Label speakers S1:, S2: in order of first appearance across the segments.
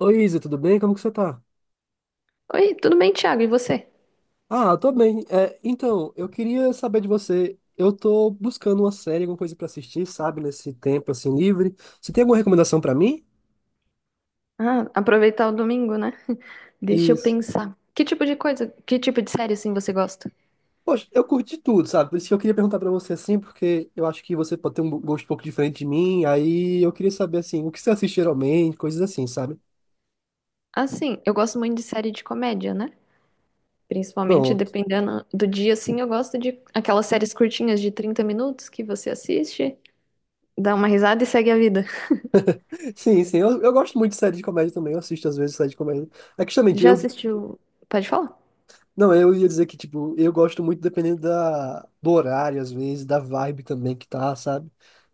S1: Oi, Isa, tudo bem? Como que você tá?
S2: Oi, tudo bem, Thiago? E você?
S1: Ah, eu tô bem. É, então, eu queria saber de você. Eu tô buscando uma série, alguma coisa pra assistir, sabe? Nesse tempo, assim, livre. Você tem alguma recomendação pra mim?
S2: Ah, aproveitar o domingo, né? Deixa eu
S1: Isso.
S2: pensar. Que tipo de coisa, que tipo de série assim você gosta?
S1: Poxa, eu curti tudo, sabe? Por isso que eu queria perguntar pra você, assim, porque eu acho que você pode ter um gosto um pouco diferente de mim. Aí eu queria saber, assim, o que você assiste geralmente, coisas assim, sabe?
S2: Assim, eu gosto muito de série de comédia, né? Principalmente
S1: Pronto.
S2: dependendo do dia, assim, eu gosto de aquelas séries curtinhas de 30 minutos que você assiste, dá uma risada e segue a vida.
S1: Sim, sim. Eu gosto muito de série de comédia também. Eu assisto, às vezes, série de comédia. É que, justamente,
S2: Já
S1: eu.
S2: assistiu? Pode falar?
S1: Não, eu ia dizer que, tipo, eu gosto muito dependendo da, do horário, às vezes, da vibe também que tá, sabe?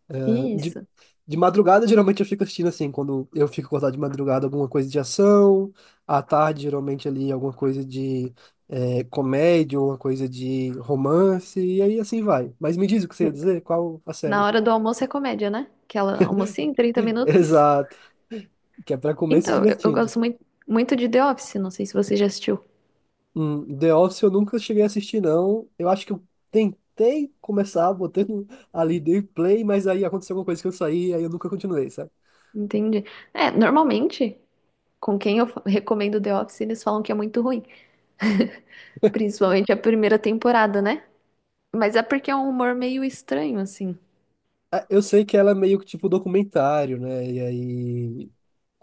S1: Eh, de,
S2: Isso.
S1: de madrugada, geralmente eu fico assistindo assim, quando eu fico acordado de madrugada, alguma coisa de ação, à tarde, geralmente ali, alguma coisa de comédia, alguma coisa de romance, e aí assim vai. Mas me diz o que você ia
S2: N-
S1: dizer, qual a
S2: Na
S1: série?
S2: hora do almoço é comédia, né? Aquela almocinha em 30 minutos.
S1: Exato, que é pra comer se
S2: Então, eu
S1: divertindo.
S2: gosto muito, muito de The Office, não sei se você já assistiu.
S1: The Office eu nunca cheguei a assistir, não. Eu acho que eu tentei começar botando ali dei play, mas aí aconteceu alguma coisa que eu saí, aí eu nunca continuei, sabe?
S2: Entendi. É, normalmente, com quem eu fa- recomendo The Office, eles falam que é muito ruim, principalmente a primeira temporada, né? Mas é porque é um humor meio estranho, assim.
S1: Ah, eu sei que ela é meio que tipo documentário, né? E aí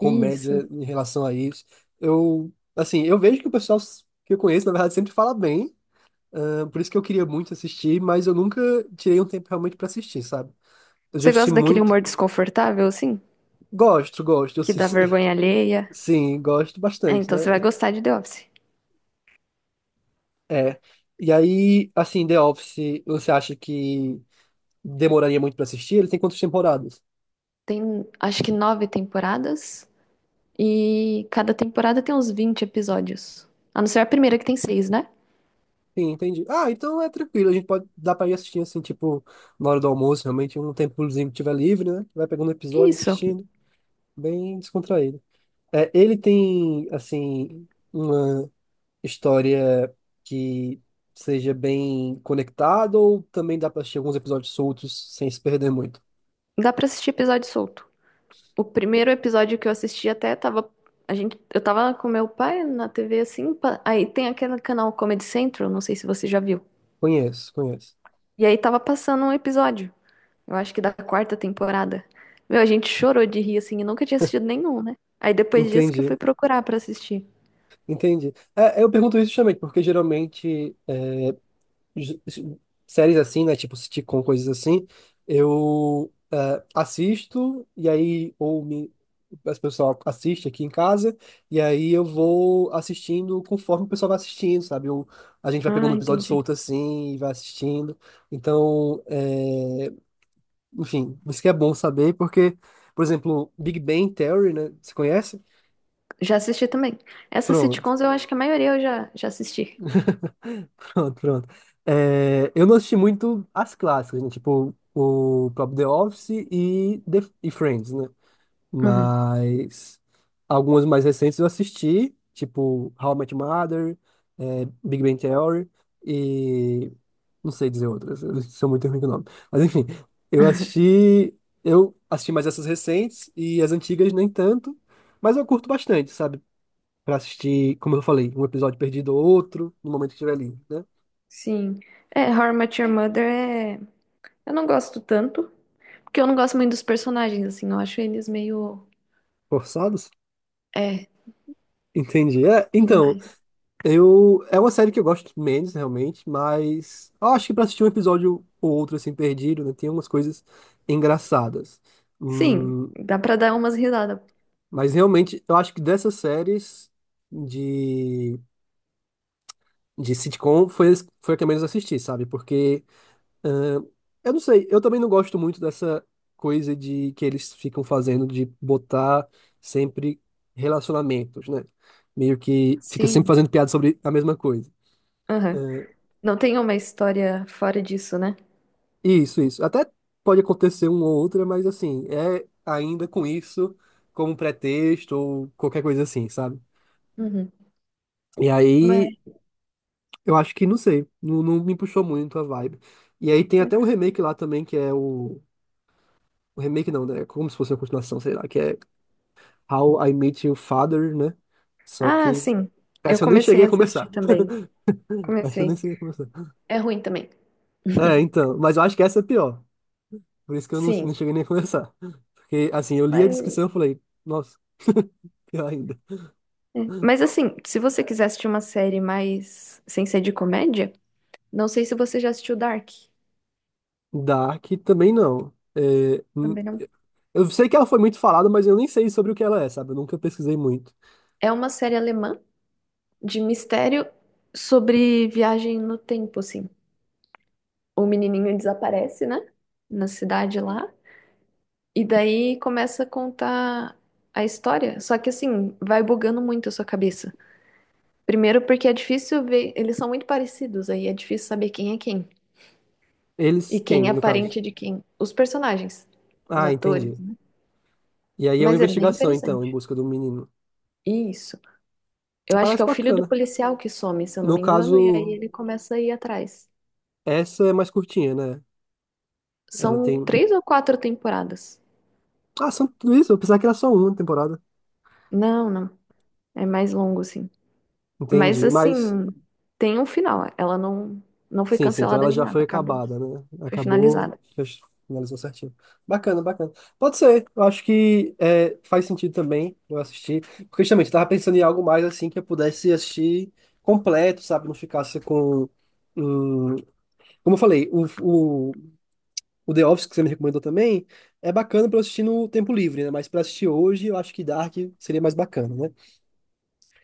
S2: Isso.
S1: em relação a isso. Eu, assim, eu vejo que o pessoal que eu conheço, na verdade, sempre fala bem, ah, por isso que eu queria muito assistir, mas eu nunca tirei um tempo realmente pra assistir, sabe? Eu já
S2: Você
S1: assisti
S2: gosta daquele
S1: muito.
S2: humor desconfortável, assim?
S1: Gosto, gosto. Eu,
S2: Que
S1: sim,
S2: dá vergonha alheia?
S1: sim, gosto
S2: É,
S1: bastante,
S2: então você
S1: né?
S2: vai gostar de The Office.
S1: É. E aí, assim, The Office, você acha que demoraria muito pra assistir? Ele tem quantas temporadas?
S2: Tem, acho que 9 temporadas, e cada temporada tem uns 20 episódios. A não ser a primeira que tem seis, né?
S1: Sim, entendi. Ah, então é tranquilo, a gente pode dar pra ir assistindo assim, tipo, na hora do almoço, realmente, um tempozinho que tiver livre, né? Vai pegando episódio,
S2: Isso.
S1: assistindo, bem descontraído. É, ele tem, assim, uma história que seja bem conectada ou também dá pra assistir alguns episódios soltos sem se perder muito?
S2: Dá pra assistir episódio solto. O primeiro episódio que eu assisti até tava. A gente, eu tava com meu pai na TV assim. Aí tem aquele canal Comedy Central, não sei se você já viu.
S1: Conheço, conheço.
S2: E aí tava passando um episódio, eu acho que da quarta temporada. Meu, a gente chorou de rir assim, e nunca tinha assistido nenhum, né? Aí depois disso que eu
S1: Entendi.
S2: fui procurar pra assistir.
S1: Entendi. É, eu pergunto isso justamente, porque geralmente é, séries assim, né? Tipo sitcom, coisas assim, eu assisto e aí ou me as pessoal assiste aqui em casa e aí eu vou assistindo conforme o pessoal vai assistindo, sabe? Eu, a gente vai pegando
S2: Ah,
S1: um episódio
S2: entendi.
S1: solto assim e vai assistindo. Então, é, enfim, isso que é bom saber, porque, por exemplo, Big Bang Theory, né? Você conhece?
S2: Já assisti também. Essas
S1: Pronto.
S2: sitcoms eu acho que a maioria eu já assisti.
S1: Pronto, pronto. É, eu não assisti muito as clássicas, né? Tipo, o próprio The Office e, The, e Friends, né?
S2: Uhum.
S1: Mas algumas mais recentes eu assisti, tipo How I Met Your Mother, é, Big Bang Theory e não sei dizer outras, eu sou muito ruim com o nome. Mas enfim, eu assisti, eu assisti mais essas recentes e as antigas nem tanto, mas eu curto bastante, sabe? Pra assistir, como eu falei, um episódio perdido ou outro, no momento que estiver ali, né?
S2: Sim. É, How I Met Your Mother é. Eu não gosto tanto, porque eu não gosto muito dos personagens, assim, eu acho eles meio.
S1: Forçados?
S2: É,
S1: Entendi. É, então,
S2: demais.
S1: eu. É uma série que eu gosto menos, realmente, mas eu acho que pra assistir um episódio ou outro, assim, perdido, né? Tem umas coisas engraçadas.
S2: Sim,
S1: Hum,
S2: dá pra dar umas risadas.
S1: mas realmente, eu acho que dessas séries de, de sitcom foi a que eu menos assisti, sabe? Porque. É, eu não sei, eu também não gosto muito dessa coisa de que eles ficam fazendo de botar sempre relacionamentos, né? Meio que fica sempre
S2: Sim,
S1: fazendo piada sobre a mesma coisa.
S2: aham.
S1: É,
S2: Não tem uma história fora disso, né?
S1: isso, isso. Até pode acontecer uma ou outra, mas assim, é ainda com isso como pretexto ou qualquer coisa assim, sabe?
S2: Uhum.
S1: E aí,
S2: Mas...
S1: eu acho que, não sei, não me puxou muito a vibe. E aí tem até um
S2: né?
S1: remake lá também, que é o remake não, né? É como se fosse uma continuação, sei lá, que é How I Met Your Father, né? Só
S2: Ah,
S1: que.
S2: sim. Eu
S1: Essa eu nem
S2: comecei
S1: cheguei
S2: a
S1: a
S2: assistir
S1: começar.
S2: também.
S1: Essa eu nem
S2: Comecei.
S1: cheguei a começar.
S2: É ruim também.
S1: É, então. Mas eu acho que essa é pior. Por isso que eu não
S2: Sim.
S1: cheguei nem a começar. Porque, assim, eu li a
S2: Mas,
S1: descrição e falei, nossa, pior ainda.
S2: é. Mas assim, se você quiser assistir uma série mais sem ser de comédia, não sei se você já assistiu Dark.
S1: Dark também não. É,
S2: Também não.
S1: eu sei que ela foi muito falada, mas eu nem sei sobre o que ela é, sabe? Eu nunca pesquisei muito.
S2: É uma série alemã de mistério sobre viagem no tempo, assim. O menininho desaparece, né? Na cidade lá. E daí começa a contar a história. Só que assim, vai bugando muito a sua cabeça. Primeiro porque é difícil ver, eles são muito parecidos, aí é difícil saber quem é quem
S1: Eles,
S2: e
S1: quem,
S2: quem é
S1: no caso?
S2: parente de quem. Os personagens, os
S1: Ah,
S2: atores,
S1: entendi.
S2: né?
S1: E aí é uma
S2: Mas é bem
S1: investigação, então, em
S2: interessante.
S1: busca do menino.
S2: Isso. Eu acho que
S1: Parece
S2: é o filho do
S1: bacana.
S2: policial que some, se eu não
S1: No
S2: me engano, e aí
S1: caso,
S2: ele começa a ir atrás.
S1: essa é mais curtinha, né? Ela
S2: São
S1: tem.
S2: 3 ou 4 temporadas.
S1: Ah, são tudo isso? Eu pensava que era só uma temporada.
S2: Não, não. É mais longo, assim. Mas
S1: Entendi.
S2: assim,
S1: Mas,
S2: tem um final. Ela não, não foi
S1: sim, sim, então
S2: cancelada
S1: ela
S2: nem
S1: já foi
S2: nada, acabou.
S1: acabada, né?
S2: Foi
S1: Acabou,
S2: finalizada.
S1: fech- finalizou certinho. Bacana, bacana. Pode ser, eu acho que é, faz sentido também eu assistir. Porque justamente eu tava pensando em algo mais assim que eu pudesse assistir completo, sabe? Não ficasse com. Hum, como eu falei, o The Office que você me recomendou também é bacana pra eu assistir no tempo livre, né? Mas pra assistir hoje, eu acho que Dark seria mais bacana, né?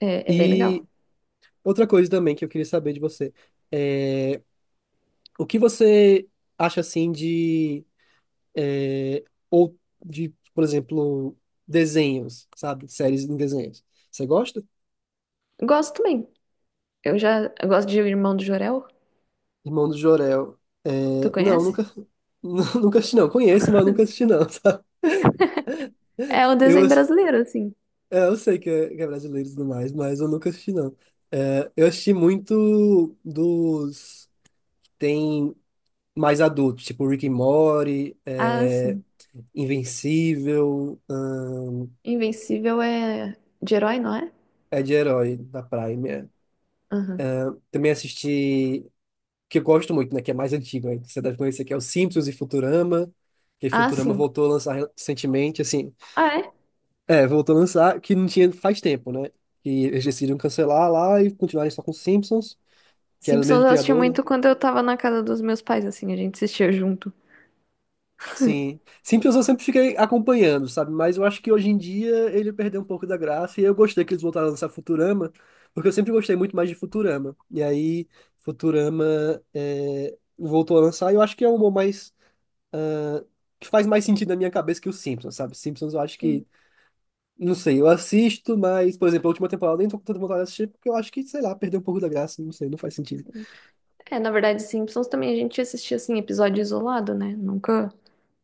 S2: É, é bem
S1: E
S2: legal.
S1: outra coisa também que eu queria saber de você é o que você acha assim de ou de, por exemplo, desenhos, sabe? Séries em desenhos. Você gosta?
S2: Gosto também. Eu gosto de O Irmão do Jorel.
S1: Irmão do Jorel.
S2: Tu
S1: É, não,
S2: conhece?
S1: nunca nunca assisti não. Conheço, mas nunca assisti não, sabe?
S2: É um
S1: Eu
S2: desenho brasileiro, assim.
S1: é, eu sei que é brasileiro e tudo mais, mas eu nunca assisti não. É, eu assisti muito dos que tem mais adultos, tipo Rick and Morty,
S2: Ah,
S1: é,
S2: sim.
S1: Invencível.
S2: Invencível é de herói, não é?
S1: É de herói da Prime, é.
S2: Aham.
S1: Também assisti, que eu gosto muito, né? Que é mais antigo, aí, você deve conhecer, que é o Simpsons e Futurama. Que
S2: Ah,
S1: Futurama
S2: sim.
S1: voltou a lançar recentemente, assim.
S2: Ah, é?
S1: É, voltou a lançar, que não tinha faz tempo, né? E eles decidiram cancelar lá e continuarem só com Simpsons, que era o
S2: Simpsons
S1: mesmo
S2: eu assistia
S1: criador, né?
S2: muito quando eu tava na casa dos meus pais, assim, a gente assistia junto.
S1: Sim. Simpsons eu sempre fiquei acompanhando, sabe? Mas eu acho que hoje em dia ele perdeu um pouco da graça e eu gostei que eles voltaram a lançar Futurama, porque eu sempre gostei muito mais de Futurama. E aí, Futurama é, voltou a lançar e eu acho que é um humor mais... que faz mais sentido na minha cabeça que o Simpsons, sabe? Simpsons eu acho
S2: Sim,
S1: que... Não sei, eu assisto, mas, por exemplo, a última temporada eu nem tô com tanta vontade de assistir porque eu acho que, sei lá, perdeu um pouco da graça, não sei, não faz sentido.
S2: sim. É, na verdade, Simpsons também a gente assistia, assim, episódio isolado, né? Nunca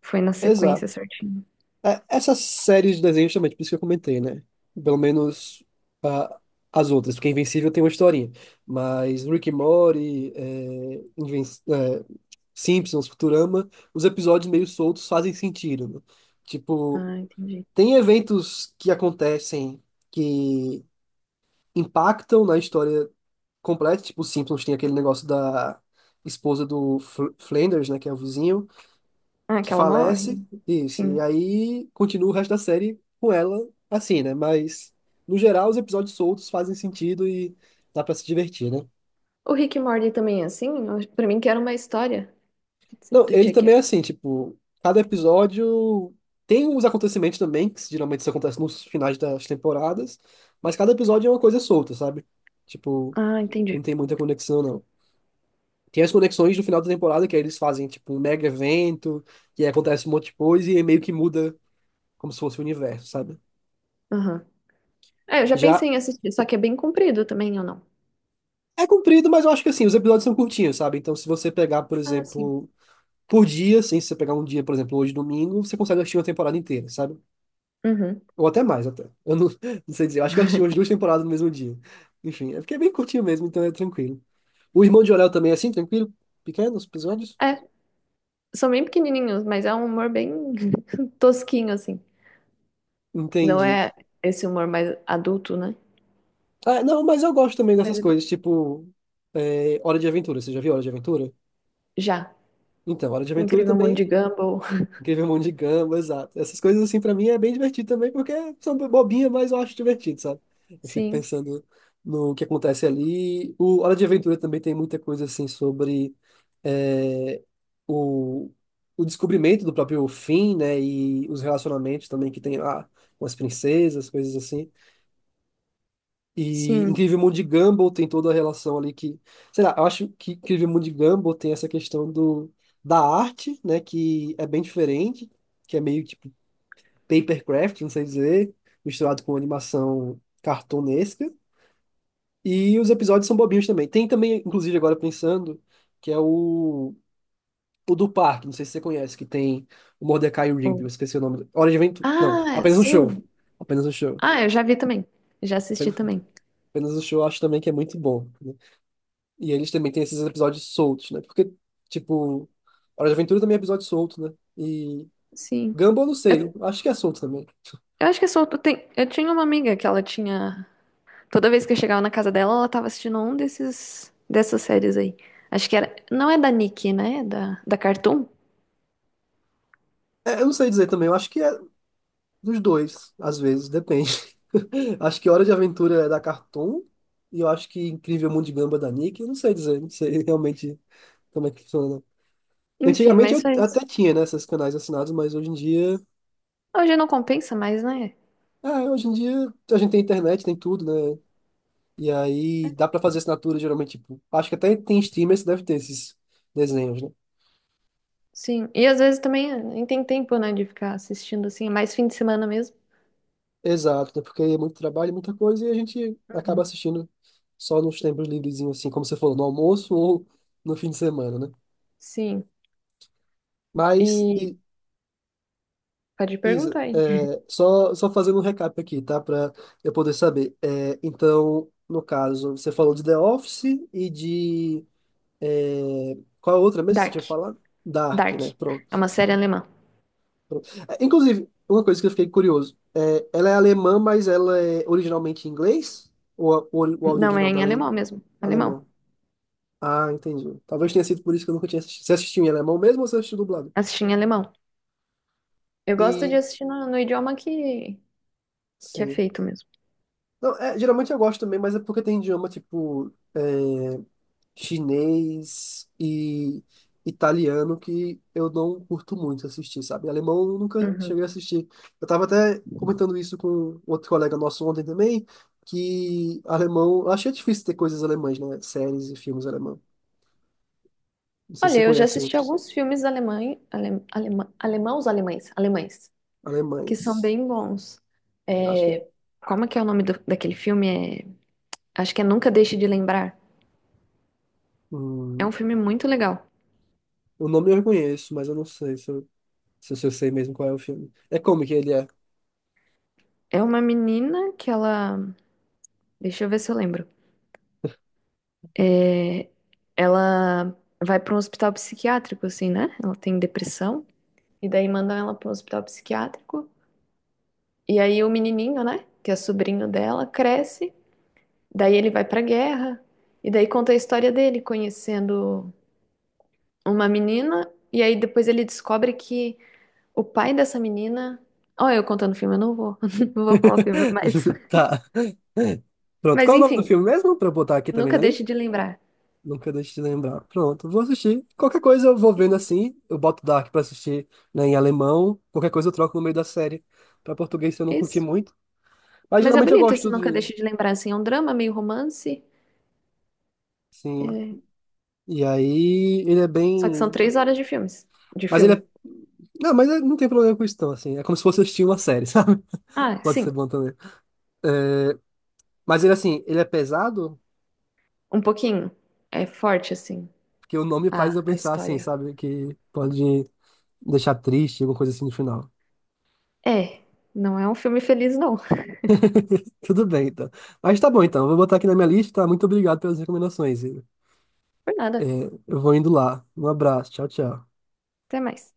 S2: foi na sequência certinho.
S1: É, essas séries de desenhos também, por isso que eu comentei, né? Pelo menos ah, as outras, porque Invencível tem uma historinha. Mas Rick and Morty, é, Inven- é, Simpsons, Futurama, os episódios meio soltos fazem sentido, né? Tipo,
S2: Ah, entendi.
S1: tem eventos que acontecem que impactam na história completa, tipo, os Simpsons tem aquele negócio da esposa do Fl- Flanders, né, que é o vizinho
S2: Ah,
S1: que
S2: que ela morre?
S1: falece, isso. E
S2: Sim.
S1: aí continua o resto da série com ela assim, né? Mas, no geral, os episódios soltos fazem sentido e dá pra se divertir, né?
S2: O Rick e Morty também é assim? Pra mim que era uma história
S1: Não,
S2: do
S1: ele
S2: Chuck.
S1: também é assim, tipo, cada episódio tem os acontecimentos também, que geralmente isso acontece nos finais das temporadas, mas cada episódio é uma coisa solta, sabe? Tipo,
S2: Ah,
S1: não
S2: entendi.
S1: tem muita conexão, não. Tem as conexões do final da temporada, que aí eles fazem, tipo, um mega evento, e aí acontece um monte de coisa, e aí meio que muda como se fosse o universo, sabe?
S2: Aham. É, eu já
S1: Já.
S2: pensei em assistir, só que é bem comprido também, ou não?
S1: É comprido, mas eu acho que assim, os episódios são curtinhos, sabe? Então, se você pegar, por
S2: Ah, sim.
S1: exemplo, por dia, assim, se você pegar um dia, por exemplo, hoje domingo, você consegue assistir uma temporada inteira, sabe?
S2: Uhum.
S1: Ou até mais, até. Eu não, não sei dizer, eu acho que eu assisti umas duas temporadas no mesmo dia. Enfim, é porque é bem curtinho mesmo, então é tranquilo. O Irmão de Orel também é assim, tranquilo? Pequenos episódios?
S2: É, são bem pequenininhos, mas é um humor bem tosquinho, assim. Não
S1: Entendi.
S2: é esse humor mais adulto, né?
S1: Ah, não, mas eu gosto também
S2: Mas
S1: dessas
S2: é bem-
S1: coisas, tipo, é, Hora de Aventura. Você já viu Hora de Aventura?
S2: Já.
S1: Então, Hora de
S2: O
S1: Aventura
S2: Incrível Mundo de
S1: também.
S2: Gumball.
S1: Incrível Mundo de Gumball, exato. Essas coisas, assim, pra mim é bem divertido também, porque são bobinhas, mas eu acho divertido, sabe? Eu fico
S2: Sim,
S1: pensando no que acontece ali. O Hora de Aventura também tem muita coisa, assim, sobre é, o, o descobrimento do próprio fim, né? E os relacionamentos também que tem lá com as princesas, coisas assim. E
S2: sim.
S1: Incrível Mundo de Gumball tem toda a relação ali que... Sei lá, eu acho que Incrível Mundo de Gumball tem essa questão da arte, né? Que é bem diferente que é meio tipo papercraft, não sei dizer, misturado com animação cartunesca. E os episódios são bobinhos também. Tem também, inclusive, agora pensando, que é o do parque, não sei se você conhece, que tem o Mordecai e o
S2: O-
S1: Rigby, eu esqueci o nome. Hora de Aventura. Não,
S2: Ah,
S1: apenas um show.
S2: sim.
S1: Apenas um show.
S2: Ah, eu já vi também. Já assisti
S1: Apenas,
S2: também.
S1: apenas um show, eu acho também que é muito bom, né? E eles também têm esses episódios soltos, né? Porque, tipo, Hora de Aventura também é episódio solto, né? E
S2: Sim.
S1: Gumball, eu não sei.
S2: Eu
S1: Acho que é solto também.
S2: Eu acho que é solto. Tem... Eu tinha uma amiga que ela tinha. Toda vez que eu chegava na casa dela, ela tava assistindo um desses dessas séries aí. Acho que era. Não é da Nick, né? É da Cartoon.
S1: É, eu não sei dizer também. Eu acho que é, dos dois, às vezes, depende. Acho que Hora de Aventura é da Cartoon e eu acho que Incrível Mundo de Gamba é da Nick. Eu não sei dizer, não sei realmente como é que funciona.
S2: Enfim,
S1: Antigamente eu
S2: mas foi isso.
S1: até tinha, né, esses canais assinados, mas hoje em dia,
S2: Hoje não compensa mais, né?
S1: ah, hoje em dia a gente tem internet, tem tudo, né? E aí dá pra fazer assinatura geralmente, tipo, acho que até tem streamers que deve ter esses desenhos, né?
S2: Sim. E às vezes também nem tem tempo, né, de ficar assistindo assim. É mais fim de semana mesmo.
S1: Exato, né? Porque é muito trabalho, muita coisa e a gente acaba
S2: Uhum.
S1: assistindo só nos tempos livrezinhos, assim, como você falou, no almoço ou no fim de semana, né?
S2: Sim.
S1: Mas,
S2: E
S1: I-
S2: pode
S1: Isa,
S2: perguntar aí.
S1: é, só fazendo um recap aqui, tá? Para eu poder saber. É, então, no caso, você falou de The Office e de. É, qual a outra mesmo que você
S2: Dark.
S1: tinha falado? Dark, né?
S2: Dark.
S1: Pronto.
S2: É uma série alemã.
S1: Pronto. É, inclusive, uma coisa que eu fiquei curioso: é, ela é alemã, mas ela é originalmente em inglês? Ou a- o áudio
S2: Não, é
S1: original
S2: em
S1: dela é em
S2: alemão mesmo. Alemão.
S1: alemão? Ah, entendi. Talvez tenha sido por isso que eu nunca tinha assistido. Você assistiu em alemão mesmo ou você assistiu dublado?
S2: Assisti em alemão. Eu gosto de
S1: E.
S2: assistir no idioma que é
S1: Sim.
S2: feito mesmo.
S1: Não, é, geralmente eu gosto também, mas é porque tem idioma tipo é, chinês e italiano que eu não curto muito assistir, sabe? Alemão eu nunca
S2: Uhum.
S1: cheguei a assistir. Eu tava até comentando isso com um outro colega nosso ontem também, que alemão, eu achei difícil ter coisas alemãs, né? Séries e filmes alemão. Não sei se
S2: Olha,
S1: você
S2: eu já
S1: conhece
S2: assisti
S1: outros
S2: alguns filmes alemães, alemãos, alemães, alemães, que são
S1: alemães.
S2: bem bons.
S1: Eu acho que é.
S2: É, como é que é o nome daquele filme? É, acho que é Nunca Deixe de Lembrar. É um
S1: Hum,
S2: filme muito legal.
S1: o nome eu reconheço, mas eu não sei se eu, se eu sei mesmo qual é o filme. É como que ele é.
S2: É uma menina que ela, deixa eu ver se eu lembro. É, ela vai para um hospital psiquiátrico, assim, né? Ela tem depressão e daí mandam ela para um hospital psiquiátrico. E aí o menininho, né? Que é sobrinho dela, cresce. Daí ele vai pra guerra e daí conta a história dele conhecendo uma menina e aí depois ele descobre que o pai dessa menina, ó, eu contando o filme, eu não vou, não vou falar o filme,
S1: Tá. É. Pronto,
S2: mas
S1: qual é o nome do
S2: enfim,
S1: filme mesmo? Pra eu botar aqui também
S2: nunca
S1: na
S2: deixe
S1: lista?
S2: de lembrar.
S1: Nunca deixe de lembrar. Pronto, vou assistir. Qualquer coisa eu vou vendo assim. Eu boto Dark pra assistir, né, em alemão. Qualquer coisa eu troco no meio da série. Pra português se eu não curti
S2: Isso.
S1: muito. Mas
S2: Mas é
S1: geralmente eu
S2: bonito esse
S1: gosto
S2: Nunca
S1: de.
S2: Deixe de Lembrar, assim, é um drama meio romance,
S1: Sim.
S2: é,
S1: E aí ele é
S2: só que são
S1: bem.
S2: 3 horas de filmes, de
S1: Mas ele é.
S2: filme.
S1: Não, mas é, não tem problema com isso, não, assim. É como se fosse assistir uma série, sabe?
S2: Ah,
S1: Pode
S2: sim,
S1: ser bom também. Mas ele, assim, ele é pesado,
S2: um pouquinho. É forte, assim,
S1: porque o nome faz eu
S2: a
S1: pensar assim,
S2: história.
S1: sabe? Que pode deixar triste, alguma coisa assim no final.
S2: É, não é um filme feliz, não.
S1: Tudo bem, então. Mas tá bom, então. Vou botar aqui na minha lista. Muito obrigado pelas recomendações. Igor.
S2: Por nada.
S1: Eu vou indo lá. Um abraço. Tchau, tchau.
S2: Até mais.